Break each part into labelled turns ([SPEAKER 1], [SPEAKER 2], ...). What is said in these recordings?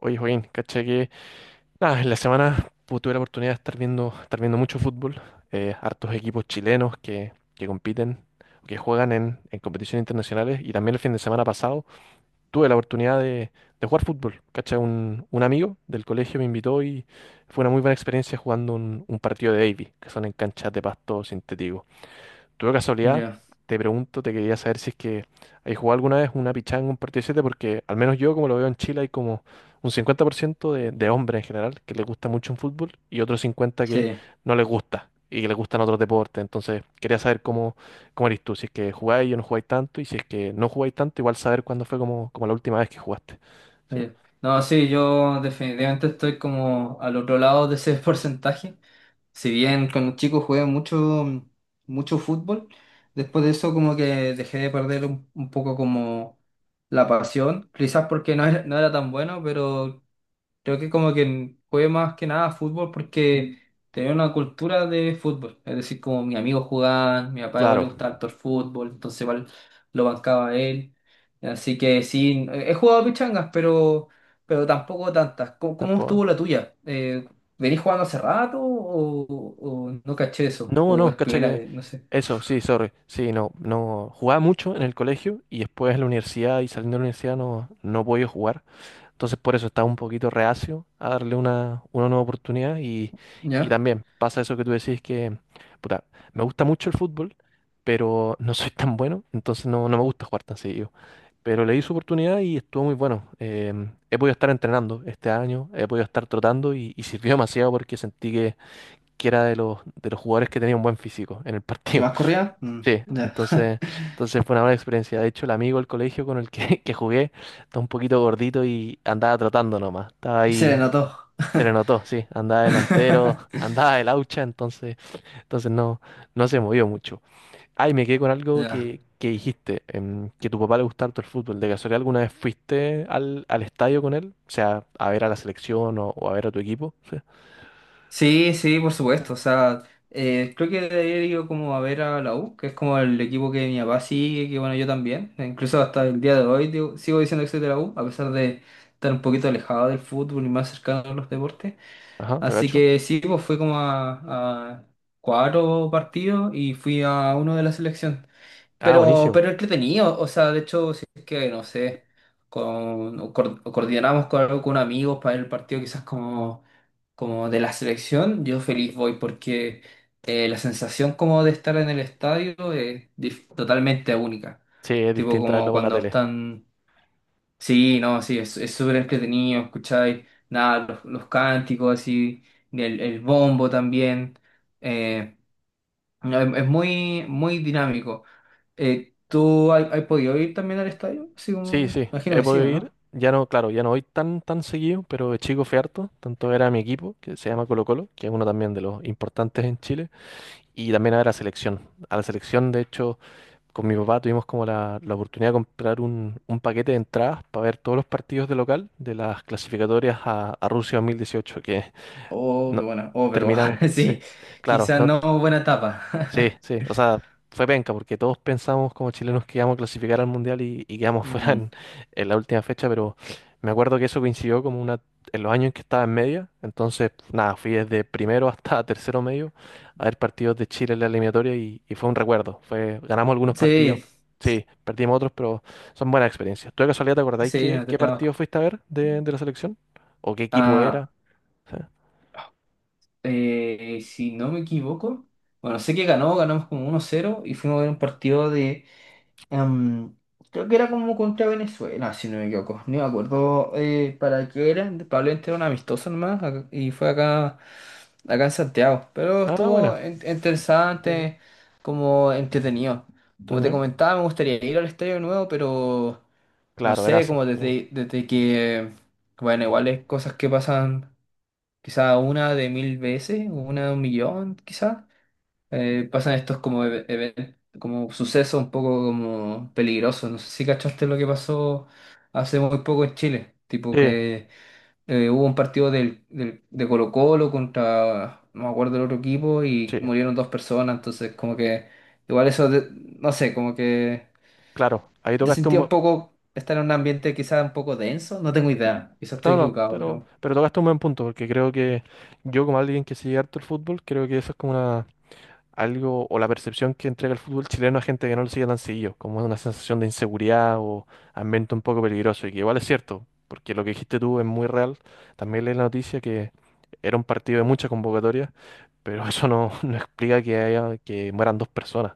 [SPEAKER 1] Oye, Joaquín, caché que nada, en la semana tuve la oportunidad de estar viendo mucho fútbol, hartos equipos chilenos que compiten, que juegan en competiciones internacionales y también el fin de semana pasado tuve la oportunidad de jugar fútbol. Caché, un amigo del colegio me invitó y fue una muy buena experiencia jugando un partido de Davy, que son en canchas de pasto sintético. Tú de casualidad,
[SPEAKER 2] Ya,
[SPEAKER 1] te pregunto, te quería saber si es que hay jugado alguna vez una pichanga, un partido de 7, porque al menos yo, como lo veo en Chile, hay como un 50% de hombres en general que les gusta mucho un fútbol y otros 50% que
[SPEAKER 2] sí.
[SPEAKER 1] no les gusta y que les gustan otros deportes. Entonces, quería saber cómo eres tú, si es que jugáis o no jugáis tanto, y si es que no jugáis tanto, igual saber cuándo fue como la última vez que jugaste. Sí.
[SPEAKER 2] No, sí, yo definitivamente estoy como al otro lado de ese porcentaje. Si bien con los chicos jugué mucho, mucho fútbol, después de eso como que dejé de perder un poco como la pasión, quizás porque no era tan bueno, pero creo que como que jugué más que nada fútbol porque tenía una cultura de fútbol. Es decir, como mis amigos jugaban, mi papá igual le
[SPEAKER 1] Claro,
[SPEAKER 2] gustaba harto el fútbol, entonces igual lo bancaba a él. Así que sí, he jugado pichangas, pero tampoco tantas. ¿Cómo
[SPEAKER 1] tampoco-
[SPEAKER 2] estuvo la tuya? ¿Venís jugando hace rato o no caché eso?
[SPEAKER 1] No,
[SPEAKER 2] ¿O
[SPEAKER 1] no,
[SPEAKER 2] es
[SPEAKER 1] cacha
[SPEAKER 2] primera
[SPEAKER 1] que...
[SPEAKER 2] vez? No sé.
[SPEAKER 1] Eso, sí, sorry. Sí, no, no. Jugaba mucho en el colegio y después en la universidad y saliendo de la universidad no he podido jugar. Entonces por eso estaba un poquito reacio a darle una nueva oportunidad y
[SPEAKER 2] ¿Ya?
[SPEAKER 1] también pasa eso que tú decís que, puta, me gusta mucho el fútbol, pero no soy tan bueno, entonces no me gusta jugar tan seguido. Pero le di su oportunidad y estuvo muy bueno. He podido estar entrenando este año, he podido estar trotando y sirvió demasiado porque sentí que era de de los jugadores que tenía un buen físico en el
[SPEAKER 2] ¿Te
[SPEAKER 1] partido.
[SPEAKER 2] vas corrida? Mm,
[SPEAKER 1] Sí,
[SPEAKER 2] ya.
[SPEAKER 1] entonces fue una buena experiencia. De hecho, el amigo del colegio que jugué estaba un poquito gordito y andaba trotando nomás. Estaba
[SPEAKER 2] Se le
[SPEAKER 1] ahí,
[SPEAKER 2] notó.
[SPEAKER 1] se le notó, sí, andaba delantero, andaba de laucha, entonces no se movió mucho. Ay, me quedé con algo
[SPEAKER 2] Ya.
[SPEAKER 1] que dijiste, que a tu papá le gusta harto el fútbol. ¿De casualidad alguna vez fuiste al estadio con él? O sea, a ver a la selección o a ver a tu equipo. Sí.
[SPEAKER 2] Sí, sí, por supuesto. O sea, creo que de ayer iba como a ver a la U, que es como el equipo que mi papá sigue, que bueno, yo también. E incluso hasta el día de hoy digo- sigo diciendo que soy de la U, a pesar de estar un poquito alejado del fútbol y más cercano a los deportes.
[SPEAKER 1] Ajá, te
[SPEAKER 2] Así
[SPEAKER 1] cacho.
[SPEAKER 2] que sí, pues fui como a cuatro partidos y fui a uno de la selección.
[SPEAKER 1] Ah,
[SPEAKER 2] Pero,
[SPEAKER 1] buenísimo.
[SPEAKER 2] pero entretenido, o sea, de hecho, si es que, no sé, o coordinamos con algo con amigos para el partido quizás como de la selección, yo feliz voy porque la sensación como de estar en el estadio es dif- totalmente única.
[SPEAKER 1] Sí, es
[SPEAKER 2] Tipo
[SPEAKER 1] distinta verlo
[SPEAKER 2] como
[SPEAKER 1] por la
[SPEAKER 2] cuando
[SPEAKER 1] tele.
[SPEAKER 2] están, sí, no, sí, es súper entretenido, escucháis, nada, los cánticos así, el bombo también, eh, no, es muy, muy dinámico. ¿Tú has, has podido ir también al estadio? Así
[SPEAKER 1] Sí,
[SPEAKER 2] como,
[SPEAKER 1] sí,
[SPEAKER 2] imagino
[SPEAKER 1] he
[SPEAKER 2] que sí,
[SPEAKER 1] podido
[SPEAKER 2] ¿o
[SPEAKER 1] ir.
[SPEAKER 2] no?
[SPEAKER 1] Ya no, claro, ya no voy tan seguido, pero de chico fui harto. Tanto era mi equipo, que se llama Colo Colo, que es uno también de los importantes en Chile, y también a la selección. A la selección, de hecho, con mi papá tuvimos como la oportunidad de comprar un paquete de entradas para ver todos los partidos de local de las clasificatorias a Rusia 2018, que
[SPEAKER 2] Oh,
[SPEAKER 1] no,
[SPEAKER 2] qué buena. Oh, pero
[SPEAKER 1] terminamos, sí.
[SPEAKER 2] sí,
[SPEAKER 1] Claro,
[SPEAKER 2] quizás
[SPEAKER 1] no,
[SPEAKER 2] no buena
[SPEAKER 1] sí,
[SPEAKER 2] etapa.
[SPEAKER 1] sí, o sea, fue penca porque todos pensamos como chilenos que íbamos a clasificar al Mundial y quedamos fuera
[SPEAKER 2] Ujú.
[SPEAKER 1] en la última fecha, pero me acuerdo que eso coincidió en los años en que estaba en media, entonces nada, fui desde primero hasta tercero medio a ver partidos de Chile en la eliminatoria y fue un recuerdo, fue, ganamos algunos partidos,
[SPEAKER 2] Sí,
[SPEAKER 1] sí, perdimos otros, pero son buenas experiencias. ¿Tú de casualidad te acordáis
[SPEAKER 2] sí, no te
[SPEAKER 1] qué partido
[SPEAKER 2] trabajo.
[SPEAKER 1] fuiste a ver de la selección? ¿O qué equipo era?
[SPEAKER 2] Ah,
[SPEAKER 1] Sí.
[SPEAKER 2] si no me equivoco, bueno, sé que ganó, ganamos como 1-0 y fuimos a ver un partido de Em, creo que era como contra Venezuela, si no me equivoco. No me acuerdo para qué era. Probablemente era un amistoso nomás ac- y fue acá, en Santiago. Pero
[SPEAKER 1] Ah,
[SPEAKER 2] estuvo
[SPEAKER 1] buena.
[SPEAKER 2] en-
[SPEAKER 1] Entendido.
[SPEAKER 2] interesante, como entretenido. Como te
[SPEAKER 1] Entendido.
[SPEAKER 2] comentaba, me gustaría ir al estadio de nuevo, pero no
[SPEAKER 1] Claro,
[SPEAKER 2] sé,
[SPEAKER 1] gracias.
[SPEAKER 2] como desde que, bueno, igual es cosas que pasan quizá una de mil veces, una de un millón, quizás pasan estos como eve- even- como sucesos un poco como peligrosos. No sé si cachaste lo que pasó hace muy poco en Chile. Tipo
[SPEAKER 1] Sí,
[SPEAKER 2] que hubo un partido de Colo-Colo contra, no me acuerdo el otro equipo, y
[SPEAKER 1] sí.
[SPEAKER 2] murieron dos personas. Entonces, como que igual eso, no sé, como que
[SPEAKER 1] Claro, ahí
[SPEAKER 2] te
[SPEAKER 1] tocaste un...
[SPEAKER 2] sentía un poco estar en un ambiente quizás un poco denso. No tengo idea, quizás estoy
[SPEAKER 1] No,
[SPEAKER 2] equivocado, pero
[SPEAKER 1] pero tocaste un buen punto, porque creo que yo, como alguien que sigue harto el fútbol, creo que eso es como una, algo o la percepción que entrega el fútbol chileno a gente que no lo sigue tan seguido, como una sensación de inseguridad o ambiente un poco peligroso, y que igual es cierto, porque lo que dijiste tú es muy real. También leí la noticia que era un partido de mucha convocatoria, pero eso no, no explica que haya, que mueran dos personas.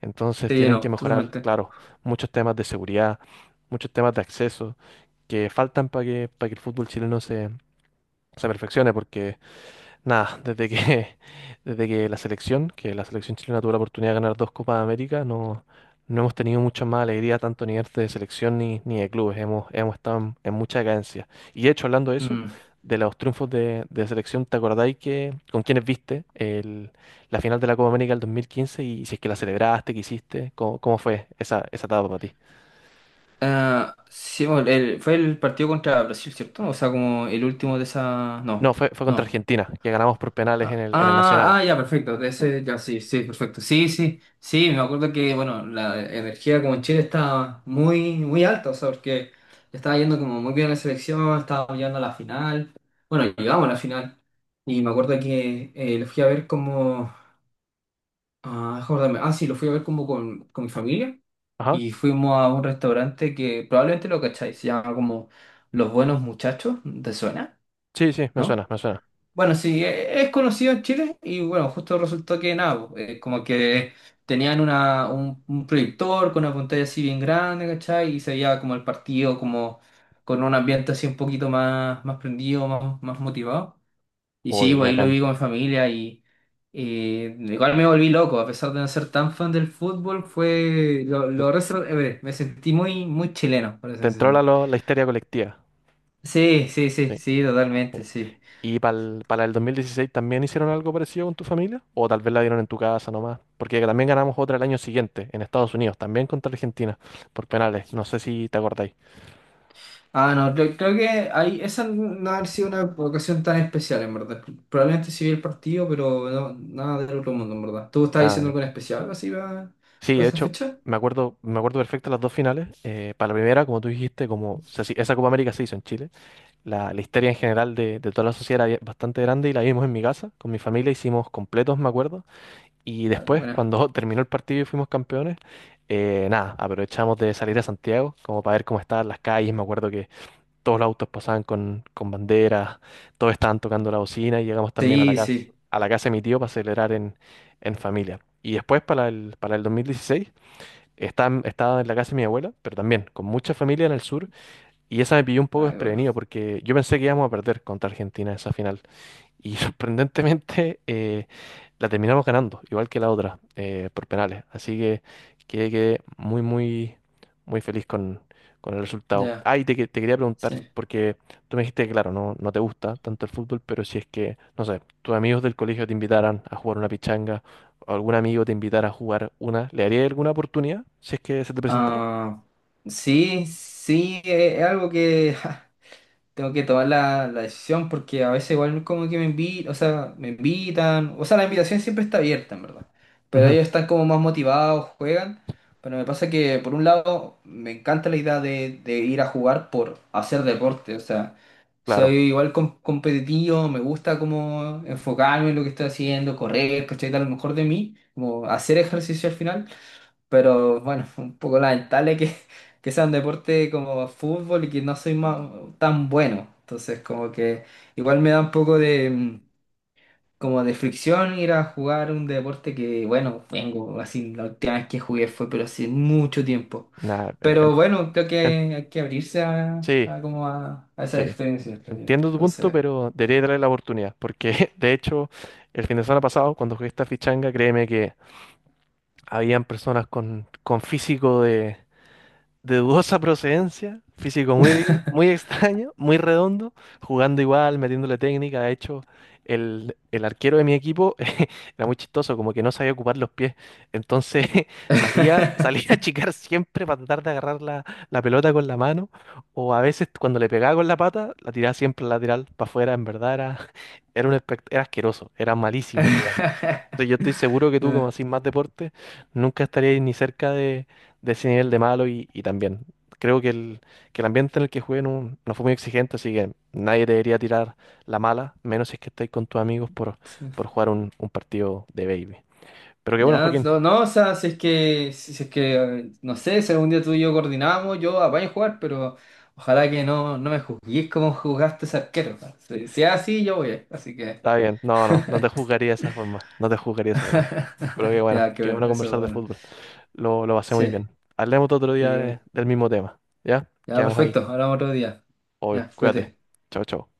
[SPEAKER 1] Entonces
[SPEAKER 2] sí,
[SPEAKER 1] tienen que
[SPEAKER 2] no,
[SPEAKER 1] mejorar,
[SPEAKER 2] totalmente.
[SPEAKER 1] claro, muchos temas de seguridad, muchos temas de acceso que faltan para que el fútbol chileno se perfeccione, porque nada, desde que la selección chilena tuvo la oportunidad de ganar dos Copas de América, no, no hemos tenido mucha más alegría, tanto a nivel de selección ni de clubes. Hemos, hemos estado en mucha decadencia. Y de hecho, hablando de eso, de los triunfos de selección, ¿te acordáis que con quiénes viste la final de la Copa América del 2015 y si es que la celebraste, qué hiciste? ¿ cómo fue esa etapa para ti?
[SPEAKER 2] Ah, sí, bueno, fue el partido contra Brasil, ¿cierto? O sea, como el último de esa...
[SPEAKER 1] No,
[SPEAKER 2] No,
[SPEAKER 1] fue contra
[SPEAKER 2] no.
[SPEAKER 1] Argentina, que ganamos por penales
[SPEAKER 2] Ah,
[SPEAKER 1] en el Nacional.
[SPEAKER 2] ah, ah, ya, perfecto. De ese, ya, sí, sí, perfecto. Sí, sí, sí, me acuerdo que, bueno, la energía como en Chile estaba muy, muy alta, o sea, porque estaba yendo como muy bien la selección, estaba llegando a la final. Bueno, llegamos a la final. Y me acuerdo que lo fui a ver como... Ah, déjame acordarme. Ah, sí, lo fui a ver como con mi familia
[SPEAKER 1] Ajá.
[SPEAKER 2] y fuimos a un restaurante que probablemente lo cacháis, se llama como Los Buenos Muchachos, ¿te suena?
[SPEAKER 1] Sí, sí, me suena,
[SPEAKER 2] ¿No?
[SPEAKER 1] me suena.
[SPEAKER 2] Bueno, sí, es conocido en Chile y bueno, justo resultó que nada, po, como que tenían un proyector con una pantalla así bien grande, ¿cachai? Y se veía como el partido, como con un ambiente así un poquito más prendido, más motivado. Y sí,
[SPEAKER 1] Obvio, ya
[SPEAKER 2] pues ahí lo
[SPEAKER 1] acá.
[SPEAKER 2] vi con mi familia y igual me volví loco, a pesar de no ser tan fan del fútbol, fue ver, me sentí muy, muy chileno, por eso.
[SPEAKER 1] Te entró la histeria colectiva.
[SPEAKER 2] Sí, sí, sí,
[SPEAKER 1] ¿Sí?
[SPEAKER 2] sí, totalmente,
[SPEAKER 1] Eh,
[SPEAKER 2] sí.
[SPEAKER 1] ¿Y para el 2016 también hicieron algo parecido con tu familia? ¿O tal vez la dieron en tu casa nomás? Porque también ganamos otra el año siguiente, en Estados Unidos, también contra Argentina, por penales. No sé si te acordáis.
[SPEAKER 2] Ah, no, creo que ahí, esa no ha sido una ocasión tan especial, en verdad. Probablemente sí vi el partido, pero no, nada del otro mundo, en verdad. ¿Tú estabas
[SPEAKER 1] Ah,
[SPEAKER 2] diciendo
[SPEAKER 1] ya.
[SPEAKER 2] algo en especial algo así
[SPEAKER 1] Sí, de
[SPEAKER 2] para esa
[SPEAKER 1] hecho,
[SPEAKER 2] fecha?
[SPEAKER 1] me acuerdo perfecto las dos finales. Para la primera, como tú dijiste, como se esa Copa América se hizo en Chile. La histeria en general de toda la sociedad era bastante grande y la vimos en mi casa, con mi familia, hicimos completos, me acuerdo. Y
[SPEAKER 2] Ay,
[SPEAKER 1] después,
[SPEAKER 2] bueno.
[SPEAKER 1] cuando terminó el partido y fuimos campeones, nada, aprovechamos de salir a Santiago, como para ver cómo estaban las calles. Me acuerdo que todos los autos pasaban con banderas, todos estaban tocando la bocina y llegamos también
[SPEAKER 2] Sí, sí.
[SPEAKER 1] a la casa de mi tío para celebrar en familia. Y después, para el 2016, estaba en la casa de mi abuela, pero también con mucha familia en el sur. Y esa me pilló un poco
[SPEAKER 2] Ay, bueno.
[SPEAKER 1] desprevenido porque yo pensé que íbamos a perder contra Argentina esa final. Y sorprendentemente la terminamos ganando, igual que la otra, por penales. Así que quedé, quedé muy, muy, muy feliz con el resultado.
[SPEAKER 2] Ya.
[SPEAKER 1] Ah, y te quería preguntar,
[SPEAKER 2] Sí.
[SPEAKER 1] porque tú me dijiste que, claro, no te gusta tanto el fútbol, pero si es que, no sé, tus amigos del colegio te invitaran a jugar una pichanga, o algún amigo te invitara a jugar una, ¿le harías alguna oportunidad si es que se te presentara?
[SPEAKER 2] Ah, sí, sí, es algo que ja, tengo que tomar la decisión porque a veces igual como que me invitan, o sea, me invitan, o sea, la invitación siempre está abierta, en verdad, pero
[SPEAKER 1] Ujú,
[SPEAKER 2] ellos están como más motivados, juegan, pero me pasa que por un lado me encanta la idea de ir a jugar por hacer deporte, o sea, soy
[SPEAKER 1] claro,
[SPEAKER 2] igual competitivo, me gusta como enfocarme en lo que estoy haciendo, correr, ¿cachai? Dar lo mejor de mí, como hacer ejercicio al final. Pero bueno, un poco lamentable que sea un deporte como fútbol y que no soy tan bueno. Entonces, como que igual me da un poco de, como de fricción ir a jugar un deporte que, bueno, vengo así, la última vez que jugué fue, pero hace mucho tiempo.
[SPEAKER 1] nada,
[SPEAKER 2] Pero bueno, creo que
[SPEAKER 1] en-
[SPEAKER 2] hay que abrirse a,
[SPEAKER 1] sí,
[SPEAKER 2] a como a esa
[SPEAKER 1] sí.
[SPEAKER 2] experiencia.
[SPEAKER 1] Entiendo tu punto,
[SPEAKER 2] Entonces.
[SPEAKER 1] pero debería darle la oportunidad, porque de hecho el fin de semana pasado, cuando jugué esta fichanga, créeme que habían personas con físico de dudosa procedencia, físico muy, muy extraño, muy redondo, jugando igual, metiéndole técnica. De hecho, el arquero de mi equipo era muy chistoso, como que no sabía ocupar los pies. Entonces salía a achicar siempre para tratar de agarrar la pelota con la mano, o a veces cuando le pegaba con la pata, la tiraba siempre lateral para afuera. En verdad era, era un era asqueroso, era malísimo jugando. Entonces, yo estoy seguro que tú, como
[SPEAKER 2] Ah,
[SPEAKER 1] haces más deporte, nunca estarías ni cerca de ese nivel de malo y también creo que que el ambiente en el que jugué no, no fue muy exigente, así que nadie te debería tirar la mala, menos si es que estáis con tus amigos
[SPEAKER 2] sí.
[SPEAKER 1] por jugar un partido de baby. Pero que bueno,
[SPEAKER 2] Ya,
[SPEAKER 1] Joaquín,
[SPEAKER 2] no, no, o sea, si es que, no sé, si algún día tú y yo coordinamos, yo apaño a jugar, pero ojalá que no me juzguéis como juzgaste ese arquero. Pa. Si es así, yo voy, así que.
[SPEAKER 1] está bien. No, no, no te juzgaría de esa forma, no te juzgaría de esa forma. Pero
[SPEAKER 2] Ya, qué
[SPEAKER 1] que bueno
[SPEAKER 2] bueno, eso es
[SPEAKER 1] conversar de
[SPEAKER 2] bueno.
[SPEAKER 1] fútbol. Lo pasé muy
[SPEAKER 2] Sí,
[SPEAKER 1] bien. Hablemos otro
[SPEAKER 2] sí,
[SPEAKER 1] día
[SPEAKER 2] qué bueno.
[SPEAKER 1] del mismo tema, ¿ya?
[SPEAKER 2] Ya,
[SPEAKER 1] Quedamos ahí.
[SPEAKER 2] perfecto, hablamos otro día. Ya,
[SPEAKER 1] Obvio, cuídate.
[SPEAKER 2] cuídate.
[SPEAKER 1] Chao, chao.